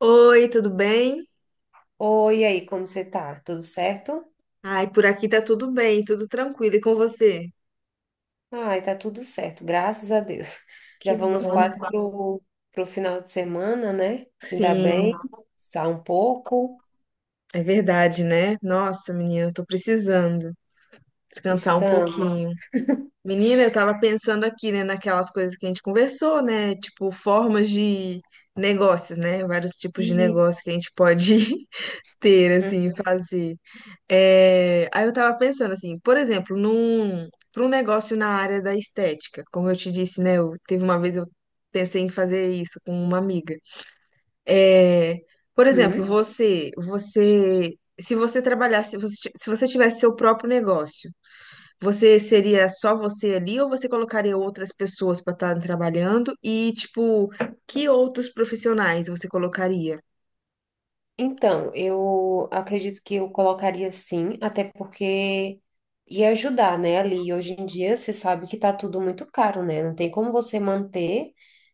Oi, tudo bem? Oi, e aí, como você tá? Tudo certo? Ai, por aqui tá tudo bem, tudo tranquilo. E com você? Ai, tá tudo certo, graças a Deus. Já Que vamos bom. quase pro final de semana, né? Ainda Sim, bem, descansar um pouco. é verdade, né? Nossa, menina, eu tô precisando descansar um Estamos. pouquinho. Menina, eu tava pensando aqui, né, naquelas coisas que a gente conversou, né? Tipo, formas de negócios, né? Vários tipos de Isso. negócio que a gente pode ter, assim, fazer. É, aí eu tava pensando assim, por exemplo, para um negócio na área da estética, como eu te disse, né? Eu, teve uma vez eu pensei em fazer isso com uma amiga. É, por exemplo, Uhum. Se você trabalhasse, se você tivesse seu próprio negócio, você seria só você ali ou você colocaria outras pessoas para estar trabalhando? E tipo, que outros profissionais você colocaria? Então, eu acredito que eu colocaria sim, até porque ia ajudar, né? Ali, hoje em dia, você sabe que tá tudo muito caro, né? Não tem como você manter.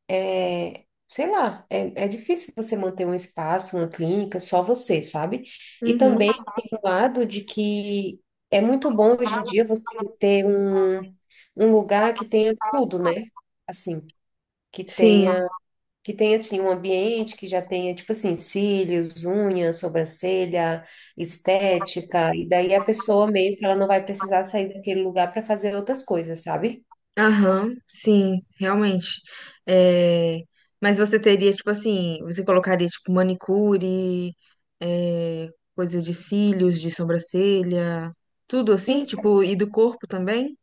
Sei lá, é difícil você manter um espaço, uma clínica, só você, sabe? E Uhum. também tem o lado de que é muito bom hoje em dia você ter um lugar que tenha tudo, né? Assim, que Sim. tenha, que tenha assim, um ambiente que já tenha, tipo assim, cílios, unha, sobrancelha, estética, e daí a pessoa meio que ela não vai precisar sair daquele lugar para fazer outras coisas, sabe? Aham, sim, realmente. É, mas você teria, tipo assim, você colocaria, tipo, manicure, é, coisa de cílios, de sobrancelha, tudo assim, tipo, e do corpo também?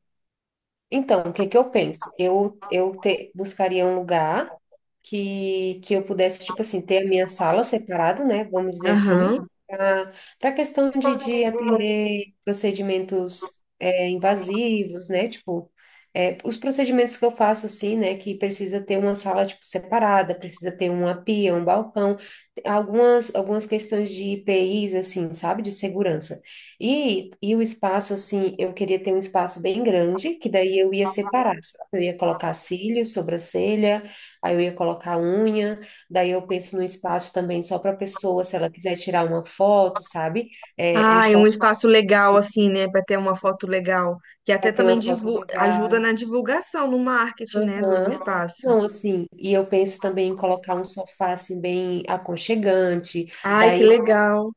Então, o que que eu penso? Eu buscaria um lugar que eu pudesse, tipo assim, ter a minha sala separado, né? Vamos dizer assim, Aham. para a questão de atender procedimentos invasivos, né? Tipo, os procedimentos que eu faço, assim, né? Que precisa ter uma sala, tipo, separada, precisa ter uma pia, um balcão, algumas questões de IPIs, assim, sabe? De segurança. E o espaço, assim, eu queria ter um espaço bem grande, que daí eu ia separar, sabe? Eu ia colocar cílios, sobrancelha, aí eu ia colocar unha, daí eu penso num espaço também só para a pessoa, se ela quiser tirar uma foto, sabe? É, um Ah, e um só espaço legal, assim, né, pra ter uma foto legal, que até para ter uma também foto ajuda legal. na divulgação, no marketing, né, do Aham. espaço. Não, assim, e eu penso também em colocar um sofá, assim, bem aconchegante, Ai, que daí legal.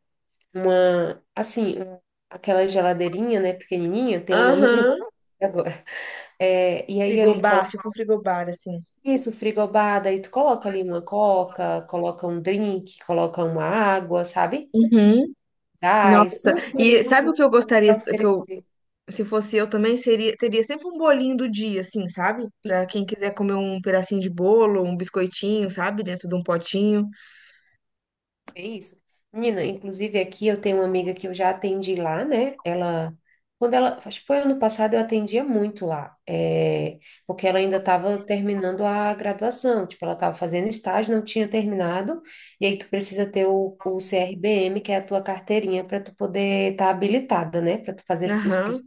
uma, assim, aquela geladeirinha, né, pequenininha, tem um nomezinho Aham. agora. É, e aí ali Frigobar, coloca tipo um frigobar, assim. isso, frigobar, daí tu coloca ali uma coca, coloca um drink, coloca uma água, sabe? Uhum. Gás, Nossa, umas e coisas sabe o assim que eu gostaria, para que eu oferecer. Se fosse eu também, seria, teria sempre um bolinho do dia, assim, sabe? Pra quem Isso. quiser comer um pedacinho de bolo, um biscoitinho, sabe? Dentro de um potinho. É isso. Menina, inclusive aqui eu tenho uma amiga que eu já atendi lá, né? Quando ela, acho que foi ano passado, eu atendia muito lá, porque ela ainda estava terminando a graduação, tipo, ela estava fazendo estágio, não tinha terminado, e aí tu precisa ter o CRBM, que é a tua carteirinha, para tu poder estar habilitada, né? Para tu fazer os Aham, processos.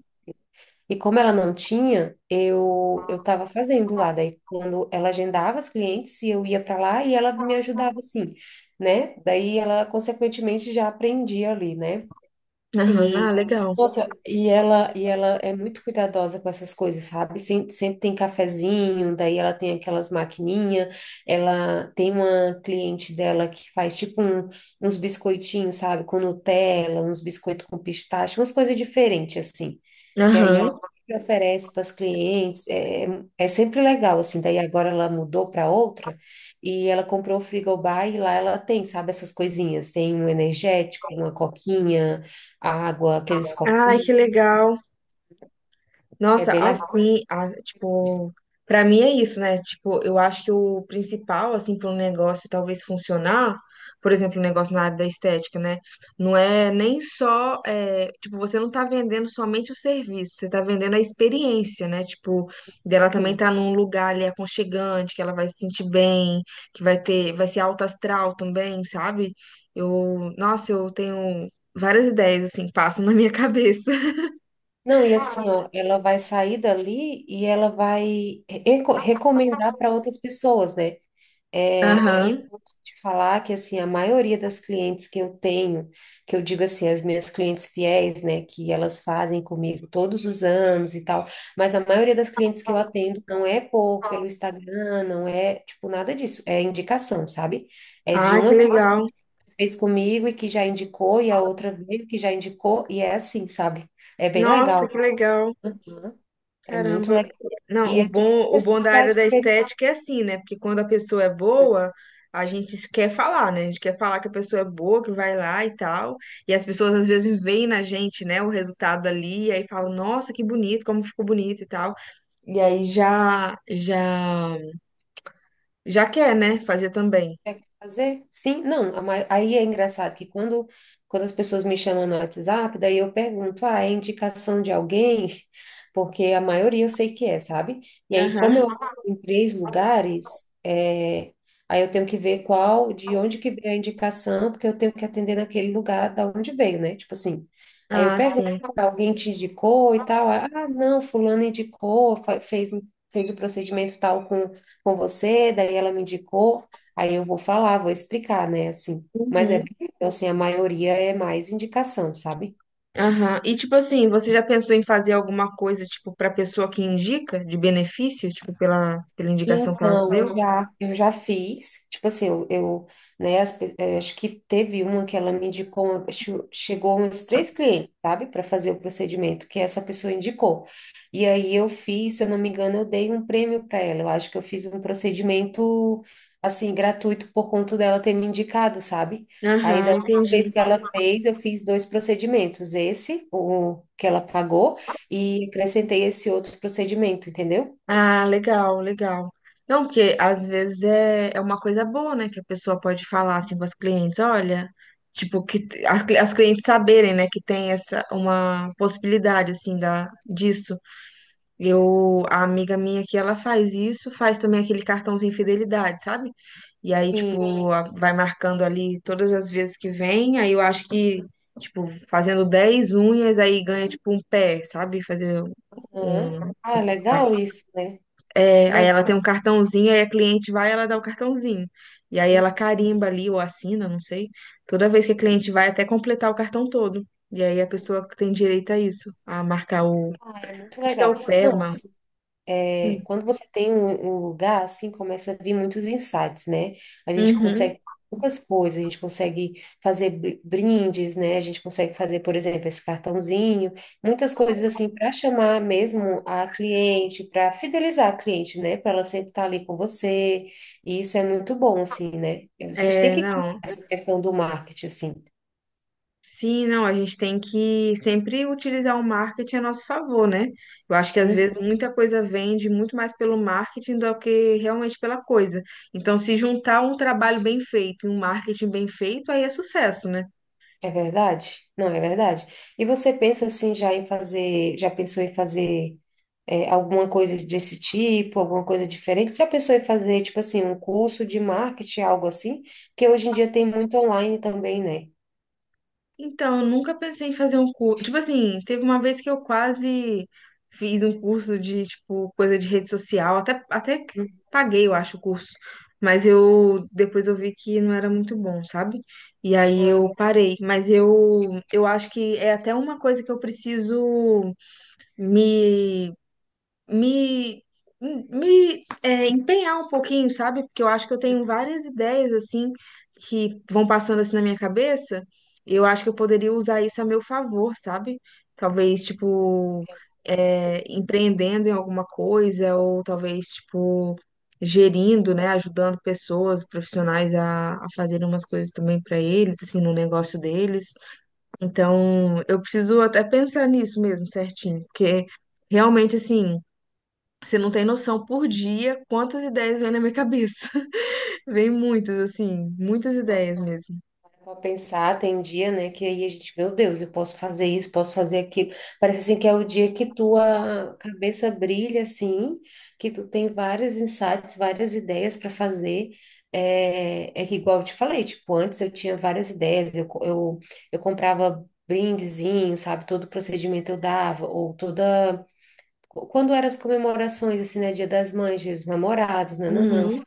E como ela não tinha, eu estava fazendo lá. Daí quando ela agendava as clientes, e eu ia para lá e ela me ajudava assim, né? Daí ela consequentemente já aprendia ali, né? aham, ah, E, legal. nossa, e ela é muito cuidadosa com essas coisas, sabe? Sempre, sempre tem cafezinho, daí ela tem aquelas maquininhas, ela tem uma cliente dela que faz tipo uns biscoitinhos, sabe? Com Nutella, uns biscoitos com pistache, umas coisas diferentes, assim. Que aí ela Aham. sempre oferece para as clientes, é sempre legal, assim. Daí agora ela mudou para outra e ela comprou o frigobar e lá ela tem, sabe? Essas coisinhas, tem um energético, uma coquinha, a água, aqueles Ai, copinhos, que legal. é Nossa, bem legal assim, tipo, pra mim é isso, né? Tipo, eu acho que o principal, assim, para um negócio talvez funcionar, por exemplo, um negócio na área da estética, né? Não é nem só, é, tipo, você não tá vendendo somente o serviço, você tá vendendo a experiência, né? Tipo, dela também também. tá num lugar ali aconchegante, que ela vai se sentir bem, que vai ter, vai ser alto astral também, sabe? Eu, nossa, eu tenho várias ideias, assim, que passam na minha cabeça. Não, e assim, ó, ela vai sair dali e ela vai recomendar para outras pessoas, né? É, e eu Aham. posso te falar que, assim, a maioria das clientes que eu tenho, que eu digo assim, as minhas clientes fiéis, né, que elas fazem comigo todos os anos e tal, mas a maioria das clientes que eu atendo não é pelo Instagram, não é, tipo, nada disso, é indicação, sabe? É de Ah, que uma legal. fez comigo e que já indicou, e a outra veio que já indicou, e é assim, sabe? É bem Nossa, legal, que legal. né? É muito Caramba. legal. E Não, é tudo o bom questão da da área da experiência. estética é assim, né? Porque quando a pessoa é boa, a gente quer falar, né? A gente quer falar que a pessoa é boa, que vai lá e tal. E as pessoas às vezes veem na gente, né, o resultado ali, e aí falam, nossa, que bonito, como ficou bonito e tal. E aí já, já quer, né, fazer também. Quer fazer? Sim, não, aí é engraçado que quando, as pessoas me chamam no WhatsApp, daí eu pergunto, ah, é indicação de alguém? Porque a maioria eu sei que é, sabe? E aí, como Aham. eu atuo em três lugares, aí eu tenho que ver qual, de onde que veio a indicação, porque eu tenho que atender naquele lugar da onde veio, né? Tipo assim, aí eu Ah, pergunto, sim. "Ah, alguém te indicou e tal? Ah, não, fulano indicou, fez o procedimento tal com você, daí ela me indicou, aí eu vou falar, vou explicar, né? Assim, mas é, Uhum. bem isso, assim, a maioria é mais indicação, sabe? Aham. E tipo assim, você já pensou em fazer alguma coisa, tipo, pra pessoa que indica, de benefício, tipo, pela indicação que ela Então, deu? já, eu já fiz, tipo assim, eu, né, acho que teve uma que ela me indicou, chegou uns três clientes, sabe, para fazer o procedimento que essa pessoa indicou. E aí eu fiz, se eu não me engano, eu dei um prêmio para ela. Eu acho que eu fiz um procedimento, assim, gratuito por conta dela ter me indicado, sabe? Aí da Aham, última vez entendi. que ela fez, eu fiz dois procedimentos, esse, o que ela pagou, e acrescentei esse outro procedimento, entendeu? Ah, legal. Não, porque às vezes é uma coisa boa, né? Que a pessoa pode falar assim para as clientes, olha, tipo, as, as clientes saberem, né, que tem essa uma possibilidade assim da disso. Eu, a amiga minha que ela faz isso, faz também aquele cartãozinho fidelidade, sabe? E aí, Sim. tipo, vai marcando ali todas as vezes que vem, aí eu acho que, tipo, fazendo 10 unhas, aí ganha, tipo, um pé, sabe? Fazer Aham. um... Ah, legal isso, né? É, aí Não, ela tem um cartãozinho, aí a cliente vai, ela dá o cartãozinho. E aí ela carimba ali, ou assina, não sei, toda vez que a cliente vai, até completar o cartão todo. E aí a pessoa tem direito a isso, a marcar o... ah, é muito Acho que é legal. o pé, Não, mano. assim, quando você tem um lugar, assim, começa a vir muitos insights, né? A gente consegue muitas coisas, a gente consegue fazer brindes, né? A gente consegue fazer, por exemplo, esse cartãozinho, muitas coisas assim para chamar mesmo a cliente, para fidelizar a cliente, né? Para ela sempre estar ali com você. E isso é muito bom, assim, né? A gente tem É, que não. essa questão do marketing, assim. Sim, não, a gente tem que sempre utilizar o marketing a nosso favor, né? Eu acho que às vezes Uhum. muita coisa vende muito mais pelo marketing do que realmente pela coisa. Então, se juntar um trabalho bem feito e um marketing bem feito, aí é sucesso, né? É verdade? Não, é verdade. E você pensa assim já em fazer, já pensou em fazer alguma coisa desse tipo, alguma coisa diferente? Você já pensou em fazer, tipo assim, um curso de marketing, algo assim? Porque hoje em dia tem muito online também, né? Então, eu nunca pensei em fazer um curso. Tipo assim, teve uma vez que eu quase fiz um curso de, tipo, coisa de rede social. Até que Hum. paguei, eu acho, o curso. Mas eu depois eu vi que não era muito bom, sabe? E aí Ah, eu parei. Mas eu acho que é até uma coisa que eu preciso me me, empenhar um pouquinho, sabe? Porque eu acho que eu tenho várias ideias, assim, que vão passando assim na minha cabeça. Eu acho que eu poderia usar isso a meu favor, sabe? Talvez, tipo, empreendendo em alguma coisa, ou talvez, tipo, gerindo, né? Ajudando pessoas, profissionais a fazerem umas coisas também para eles, assim, no negócio deles. Então, eu preciso até pensar nisso mesmo, certinho, porque realmente, assim. Você não tem noção por dia quantas ideias vêm na minha cabeça. Vem muitas, assim, muitas não, ideias mesmo. vou pensar, tem um dia, né, que aí a gente, meu Deus, eu posso fazer isso, posso fazer aquilo. Parece assim que é o dia que tua cabeça brilha, assim, que tu tem vários insights, várias ideias para fazer. É que igual eu te falei, tipo, antes eu tinha várias ideias, eu comprava brindezinho, sabe, todo procedimento eu dava, ou toda. Quando eram as comemorações, assim, né, Dia das Mães, Dia dos Namorados, nananã, Uhum,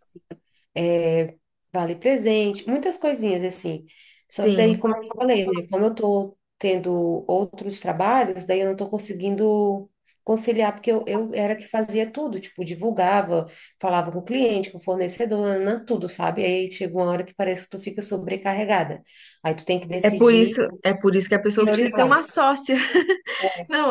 é, vale presente, muitas coisinhas assim. Só que daí, sim. como eu falei, né, como eu tô tendo outros trabalhos, daí eu não tô conseguindo conciliar, porque eu era que fazia tudo, tipo, divulgava, falava com o cliente, com o fornecedor, nananã, tudo, sabe? Aí chega uma hora que parece que tu fica sobrecarregada. Aí tu tem que decidir É por isso que a e pessoa precisa ter priorizar, uma sócia.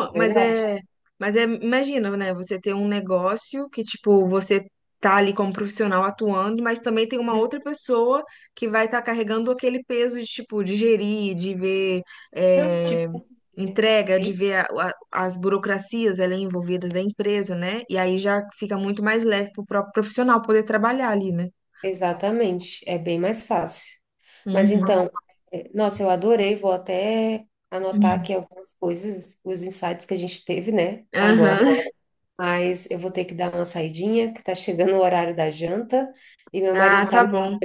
não é verdade? Mas é, imagina, né? Você ter um negócio que, tipo, você tá ali como profissional atuando, mas também tem uma outra pessoa que vai estar carregando aquele peso de, tipo, de gerir, de ver Não, é, tipo, é entrega, de bem- ver as burocracias ali envolvidas da empresa, né? E aí já fica muito mais leve pro próprio profissional poder trabalhar ali, né? exatamente, é bem mais fácil. Mas Uhum. então, nossa, eu adorei, vou até anotar aqui algumas coisas, os insights que a gente teve, né, agora. Aham. Mas eu vou ter que dar uma saidinha, que tá chegando o horário da janta, e meu marido Ah, tá tá. bom.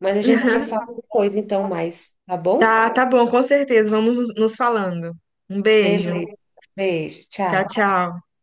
Mas a gente se fala depois, então, mais, tá bom? Tá, tá bom, com certeza. Vamos nos falando. Um beijo. Beleza. Beijo, Tchau, tchau. tchau.